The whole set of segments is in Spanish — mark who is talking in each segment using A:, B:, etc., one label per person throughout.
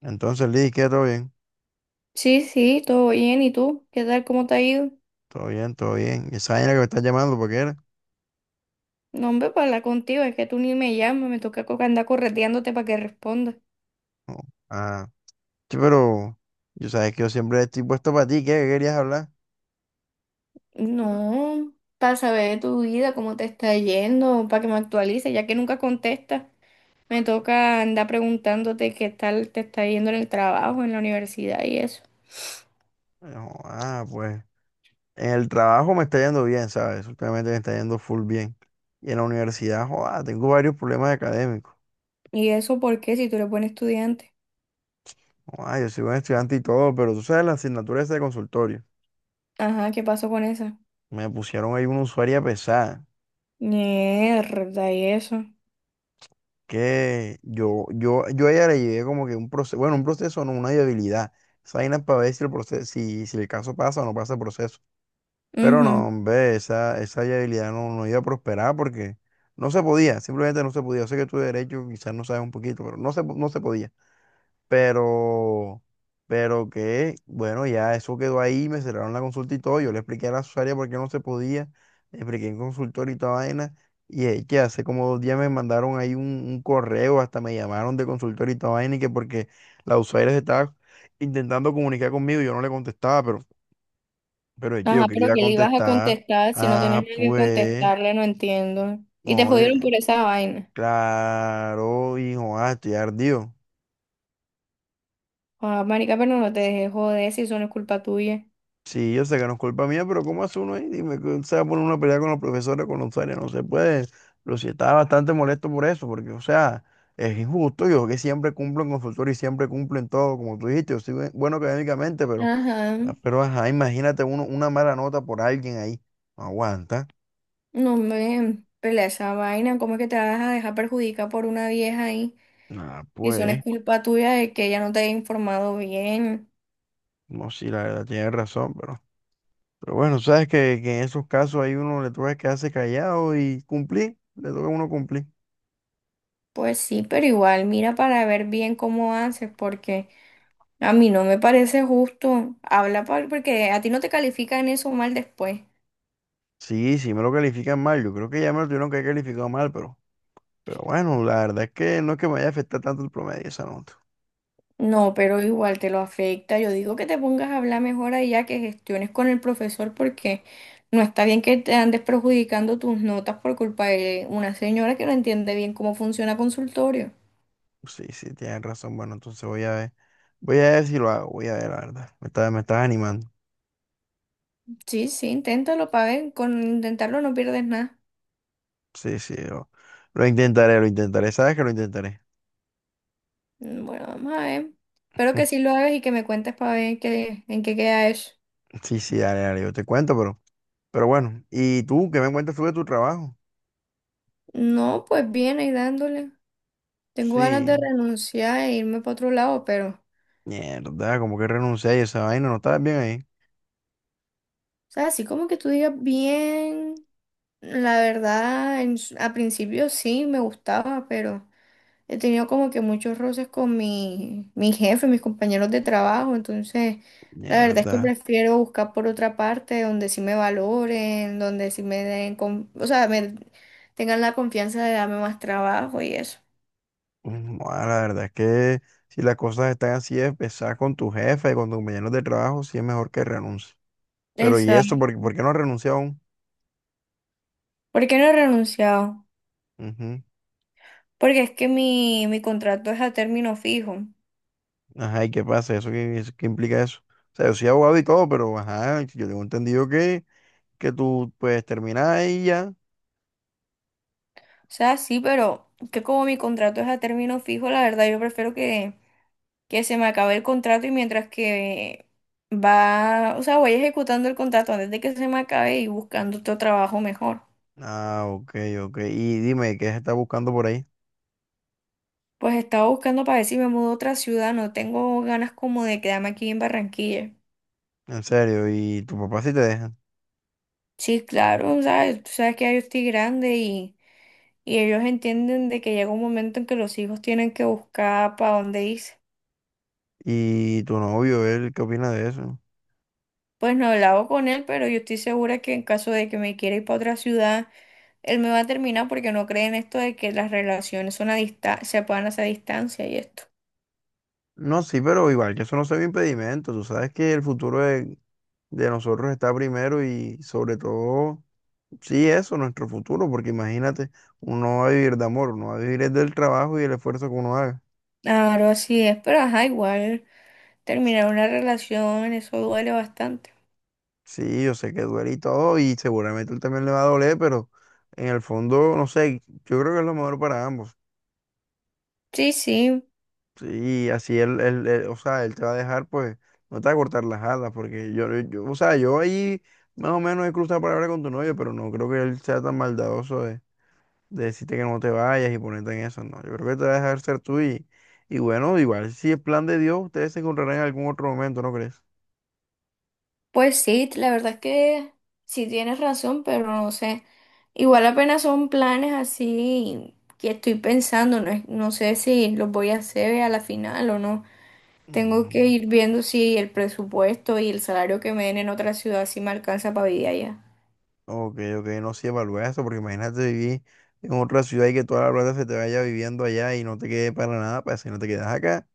A: Entonces, Liz, ¿qué? ¿Todo bien?
B: Sí, sí, todo bien. ¿Y tú? ¿Qué tal? ¿Cómo te ha ido?
A: Todo bien, todo bien. ¿Y esa vaina que me estás llamando, por qué era?
B: No, hombre, para hablar contigo, es que tú ni me llamas, me toca andar correteándote para que respondas.
A: Ah, sí, pero yo sabes que yo siempre estoy puesto para ti, ¿qué? ¿Qué querías hablar?
B: No, para saber de tu vida, cómo te está yendo, para que me actualices, ya que nunca contestas. Me toca andar preguntándote qué tal te está yendo en el trabajo, en la universidad y eso.
A: No, pues en el trabajo me está yendo bien, ¿sabes? Últimamente me está yendo full bien. Y en la universidad, joda, tengo varios problemas académicos.
B: ¿Y eso por qué? Si tú eres buen estudiante.
A: Ah, yo soy buen estudiante y todo, pero tú sabes la asignatura esa de consultorio.
B: Ajá, ¿qué pasó con esa?
A: Me pusieron ahí una usuaria pesada.
B: Mierda, ¿y eso?
A: Que yo a ella le llevé como que un proceso, bueno, un proceso, no, una viabilidad. Esa vaina es para ver si el proceso, si el caso pasa o no pasa el proceso. Pero no, hombre, esa viabilidad no, no iba a prosperar porque no se podía, simplemente no se podía. Yo sé que tu derecho quizás no sabes un poquito, pero no se, no se podía. Pero, pero que, bueno, ya eso quedó ahí, me cerraron la consulta y todo. Yo le expliqué a la usuaria por qué no se podía, le expliqué en consultorio y toda vaina, y es que hace como dos días me mandaron ahí un correo, hasta me llamaron de consultorio y toda vaina, y que porque la usuaria se estaba intentando comunicar conmigo, y yo no le contestaba, pero es que yo
B: Ajá,
A: quería
B: pero
A: ir a
B: qué le ibas a
A: contestar,
B: contestar si no tenías
A: ah,
B: nada que
A: pues,
B: contestarle, no entiendo. Y te
A: no,
B: jodieron por esa vaina.
A: claro, hijo, estoy ardido.
B: Ah, marica, pero no te dejes joder si eso no es culpa tuya.
A: Sí, yo sé que no es culpa mía, pero ¿cómo hace uno ahí? Dime, que se va a poner una pelea con los profesores, con los usuarios, no se puede. Pero sí estaba bastante molesto por eso, porque, o sea, es injusto. Yo que siempre cumplo en consultorio y siempre cumplo en todo, como tú dijiste, yo soy bueno académicamente, pero,
B: Ajá,
A: pero ajá, imagínate uno, una mala nota por alguien ahí. No aguanta.
B: no me pelea esa vaina. ¿Cómo es que te vas a dejar perjudicar por una vieja ahí?
A: Nada,
B: Si eso no es
A: pues,
B: culpa tuya de que ella no te haya informado bien.
A: no, sí, la verdad, tienes razón, pero bueno, sabes que en esos casos ahí uno le toca quedarse callado y cumplir, le toca a uno cumplir.
B: Pues sí, pero igual, mira para ver bien cómo haces, porque a mí no me parece justo. Habla porque a ti no te califican eso mal después.
A: Sí, sí me lo califican mal. Yo creo que ya me lo tuvieron que haber calificado mal, pero bueno, la verdad es que no es que me vaya a afectar tanto el promedio esa nota.
B: No, pero igual te lo afecta. Yo digo que te pongas a hablar mejor allá, que gestiones con el profesor, porque no está bien que te andes perjudicando tus notas por culpa de una señora que no entiende bien cómo funciona consultorio.
A: Sí, sí, tienes razón. Bueno, entonces voy a ver. Voy a ver si lo hago, voy a ver, la verdad. Me estás animando.
B: Sí, sí, inténtalo para ver. Con intentarlo no pierdes nada.
A: Sí, sí, lo intentaré, lo intentaré. Sabes que lo intentaré.
B: Mm, bueno, vamos a ver. Espero que sí lo hagas y que me cuentes para ver qué, en qué queda eso.
A: Sí, sí, dale, dale, yo te cuento, pero bueno. ¿Y tú qué me cuentas tú de tu trabajo?
B: No, pues bien, ahí dándole. Tengo ganas
A: Sí,
B: de renunciar e irme para otro lado, pero, o
A: mierda, como que renuncié a esa vaina, no estabas bien ahí.
B: sea, así como que tú digas bien. La verdad, en a principio sí me gustaba, pero he tenido como que muchos roces con mi jefe, mis compañeros de trabajo, entonces la verdad es que
A: Mierda.
B: prefiero buscar por otra parte donde sí me valoren, donde sí me den, o sea, me tengan la confianza de darme más trabajo y eso.
A: La verdad es que si las cosas están así, de pesar con tu jefe, con tus compañeros de trabajo, sí es mejor que renuncies. Pero ¿y eso?
B: Exacto.
A: ¿Por qué por qué no renuncia aún?
B: ¿Por qué no he renunciado?
A: Ujú.
B: Porque es que mi contrato es a término fijo. O
A: Ajá, ¿y qué pasa? Eso qué implica eso? O sea, yo soy abogado y todo, pero ajá, yo tengo entendido que tú puedes terminar ahí ya.
B: sea, sí, pero que como mi contrato es a término fijo, la verdad yo prefiero que se me acabe el contrato y mientras que va, o sea, voy ejecutando el contrato antes de que se me acabe y buscando otro trabajo mejor.
A: Ah, ok, ok. Y dime, ¿qué se está buscando por ahí?
B: Pues estaba buscando para ver si me mudo a otra ciudad, no tengo ganas como de quedarme aquí en Barranquilla.
A: En serio, ¿y tu papá sí te deja?
B: Sí, claro, ¿sabes? Tú sabes que ya yo estoy grande y ellos entienden de que llega un momento en que los hijos tienen que buscar para dónde irse.
A: ¿Y tu novio, él, qué opina de eso?
B: Pues no he hablado con él, pero yo estoy segura que en caso de que me quiera ir para otra ciudad, él me va a terminar porque no cree en esto de que las relaciones son a se puedan hacer a distancia y esto.
A: No, sí, pero igual que eso no sea un impedimento. Tú sabes que el futuro es de nosotros está primero y sobre todo, sí, eso, nuestro futuro, porque imagínate, uno no va a vivir de amor, uno va a vivir es del trabajo y el esfuerzo que uno haga.
B: Claro, así es, pero ajá, igual terminar una relación, eso duele bastante.
A: Sí, yo sé que duele y todo, y seguramente él también le va a doler, pero en el fondo, no sé, yo creo que es lo mejor para ambos.
B: Sí, sí,
A: Sí, así él, o sea, él te va a dejar, pues, no te va a cortar las alas, porque o sea, yo ahí más o menos he cruzado palabra con tu novio, pero no creo que él sea tan maldadoso de decirte que no te vayas y ponerte en eso, no. Yo creo que te va a dejar ser tú y bueno, igual si es plan de Dios, ustedes se encontrarán en algún otro momento, ¿no crees?
B: pues sí, la verdad es que sí tienes razón, pero no sé. Igual apenas son planes así que estoy pensando, no, no sé si los voy a hacer a la final o no. Tengo que
A: Mm,
B: ir viendo si el presupuesto y el salario que me den en otra ciudad si me alcanza para vivir allá.
A: ok, ok, no sé, evalúa eso, porque imagínate vivir en otra ciudad y que toda la plata se te vaya viviendo allá y no te quede para nada, para si no te quedas acá.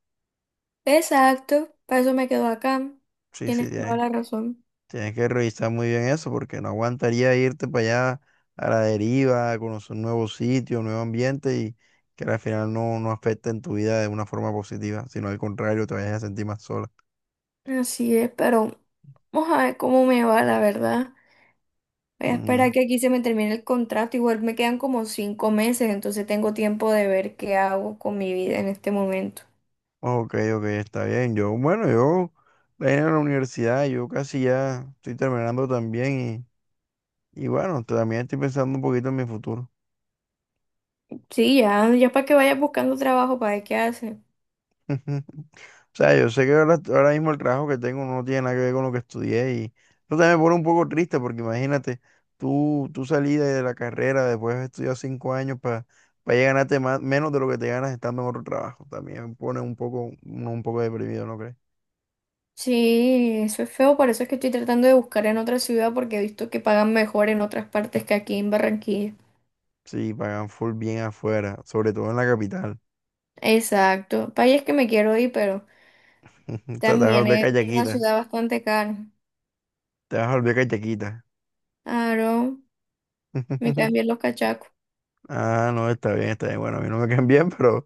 B: Exacto, para eso me quedo acá.
A: Sí, sí,
B: Tienes toda la razón.
A: tienes que revisar muy bien eso, porque no aguantaría irte para allá a la deriva, a conocer un nuevo sitio, un nuevo ambiente y que al final no, no afecte en tu vida de una forma positiva, sino al contrario, te vayas a sentir más sola.
B: Así es, pero vamos a ver cómo me va, la verdad. Voy a
A: Mm,
B: esperar que aquí se me termine el contrato. Igual me quedan como 5 meses, entonces tengo tiempo de ver qué hago con mi vida en este momento.
A: ok, ok, está bien. Yo, bueno, yo vine a la universidad, yo casi ya estoy terminando también y bueno, también estoy pensando un poquito en mi futuro.
B: Sí, ya, ya para que vayas buscando trabajo, para ver qué hace.
A: O sea, yo sé que ahora mismo el trabajo que tengo no tiene nada que ver con lo que estudié y eso también me pone un poco triste porque imagínate, tú salí de la carrera después de estudiar cinco años para ganarte más, menos de lo que te ganas estando en otro trabajo. También me pone un poco, un poco deprimido, ¿no crees?
B: Sí, eso es feo, por eso es que estoy tratando de buscar en otra ciudad porque he visto que pagan mejor en otras partes que aquí en Barranquilla.
A: Sí, pagan full bien afuera, sobre todo en la capital.
B: Exacto, país es que me quiero ir, pero
A: O sea, te vas a
B: también
A: volver
B: es una
A: callaquita.
B: ciudad bastante cara.
A: Te vas a volver callaquita.
B: Claro, me cambian los cachacos.
A: Ah, no, está bien, está bien. Bueno, a mí no me caen bien,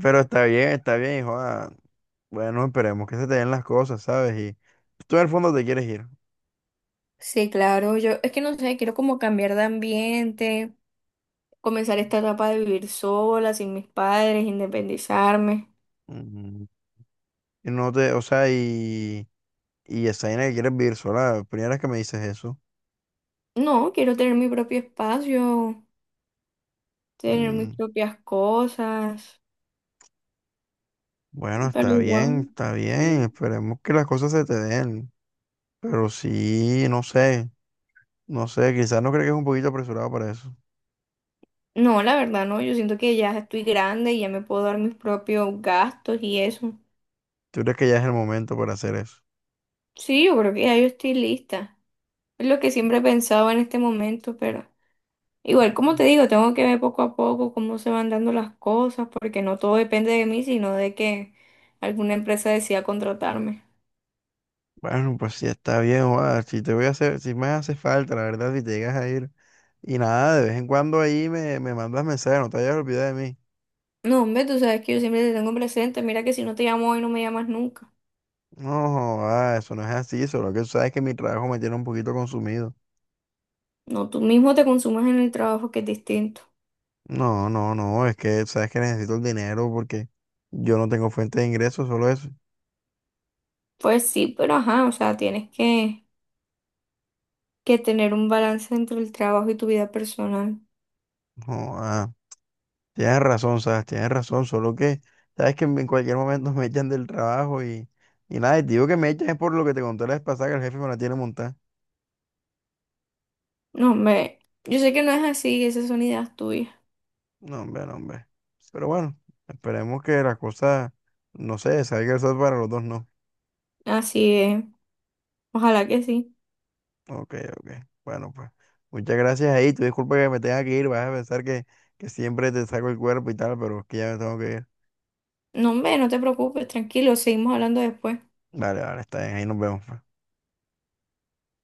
A: pero está bien, hijo. Bueno, esperemos que se te den las cosas, ¿sabes? Y tú en el fondo te quieres ir.
B: Sí, claro, yo es que no sé, quiero como cambiar de ambiente, comenzar esta etapa de vivir sola, sin mis padres, independizarme.
A: Ujú. Y no te, o sea, y esa vaina que quieres vivir sola, la primera vez que me dices eso.
B: No, quiero tener mi propio espacio, tener mis
A: Mm,
B: propias cosas,
A: Bueno,
B: pero
A: está bien,
B: igual,
A: está bien.
B: sí.
A: Esperemos que las cosas se te den. Pero sí, no sé, no sé, quizás no crees que es un poquito apresurado para eso.
B: No, la verdad, no, yo siento que ya estoy grande y ya me puedo dar mis propios gastos y eso.
A: ¿Tú crees que ya es el momento para hacer eso?
B: Sí, yo creo que ya yo estoy lista. Es lo que siempre he pensado en este momento, pero igual, como te digo, tengo que ver poco a poco cómo se van dando las cosas, porque no todo depende de mí, sino de que alguna empresa decida contratarme.
A: Bueno, pues sí, está bien, joda. Si te voy a hacer, si me hace falta, la verdad, si te llegas a ir. Y nada, de vez en cuando ahí me mandas mensajes, no te vayas a olvidar de mí.
B: No, hombre, tú sabes que yo siempre te tengo presente. Mira que si no te llamo hoy, no me llamas nunca.
A: No, joda, eso no es así, solo que tú sabes que mi trabajo me tiene un poquito consumido.
B: No, tú mismo te consumes en el trabajo, que es distinto.
A: No, no, no, es que sabes que necesito el dinero porque yo no tengo fuente de ingresos, solo eso.
B: Pues sí, pero ajá, o sea, tienes que tener un balance entre el trabajo y tu vida personal.
A: No, tienes razón, sabes, tienes razón, solo que sabes que en cualquier momento me echan del trabajo y nada, y te digo que me echan es por lo que te conté la vez pasada que el jefe me la tiene montada.
B: No, hombre, yo sé que no es así, esas son ideas tuyas.
A: No, hombre, no, hombre. Pero bueno, esperemos que la cosa, no sé, salga el sol para los dos, no.
B: Así es, ojalá que sí.
A: Ok, ok. Bueno, pues. Muchas gracias ahí. Tu disculpa que me tenga que ir. Vas a pensar que siempre te saco el cuerpo y tal, pero es que ya me tengo que ir.
B: No, hombre, no te preocupes, tranquilo, seguimos hablando después.
A: Vale, vale, está bien. Ahí nos vemos. Pues.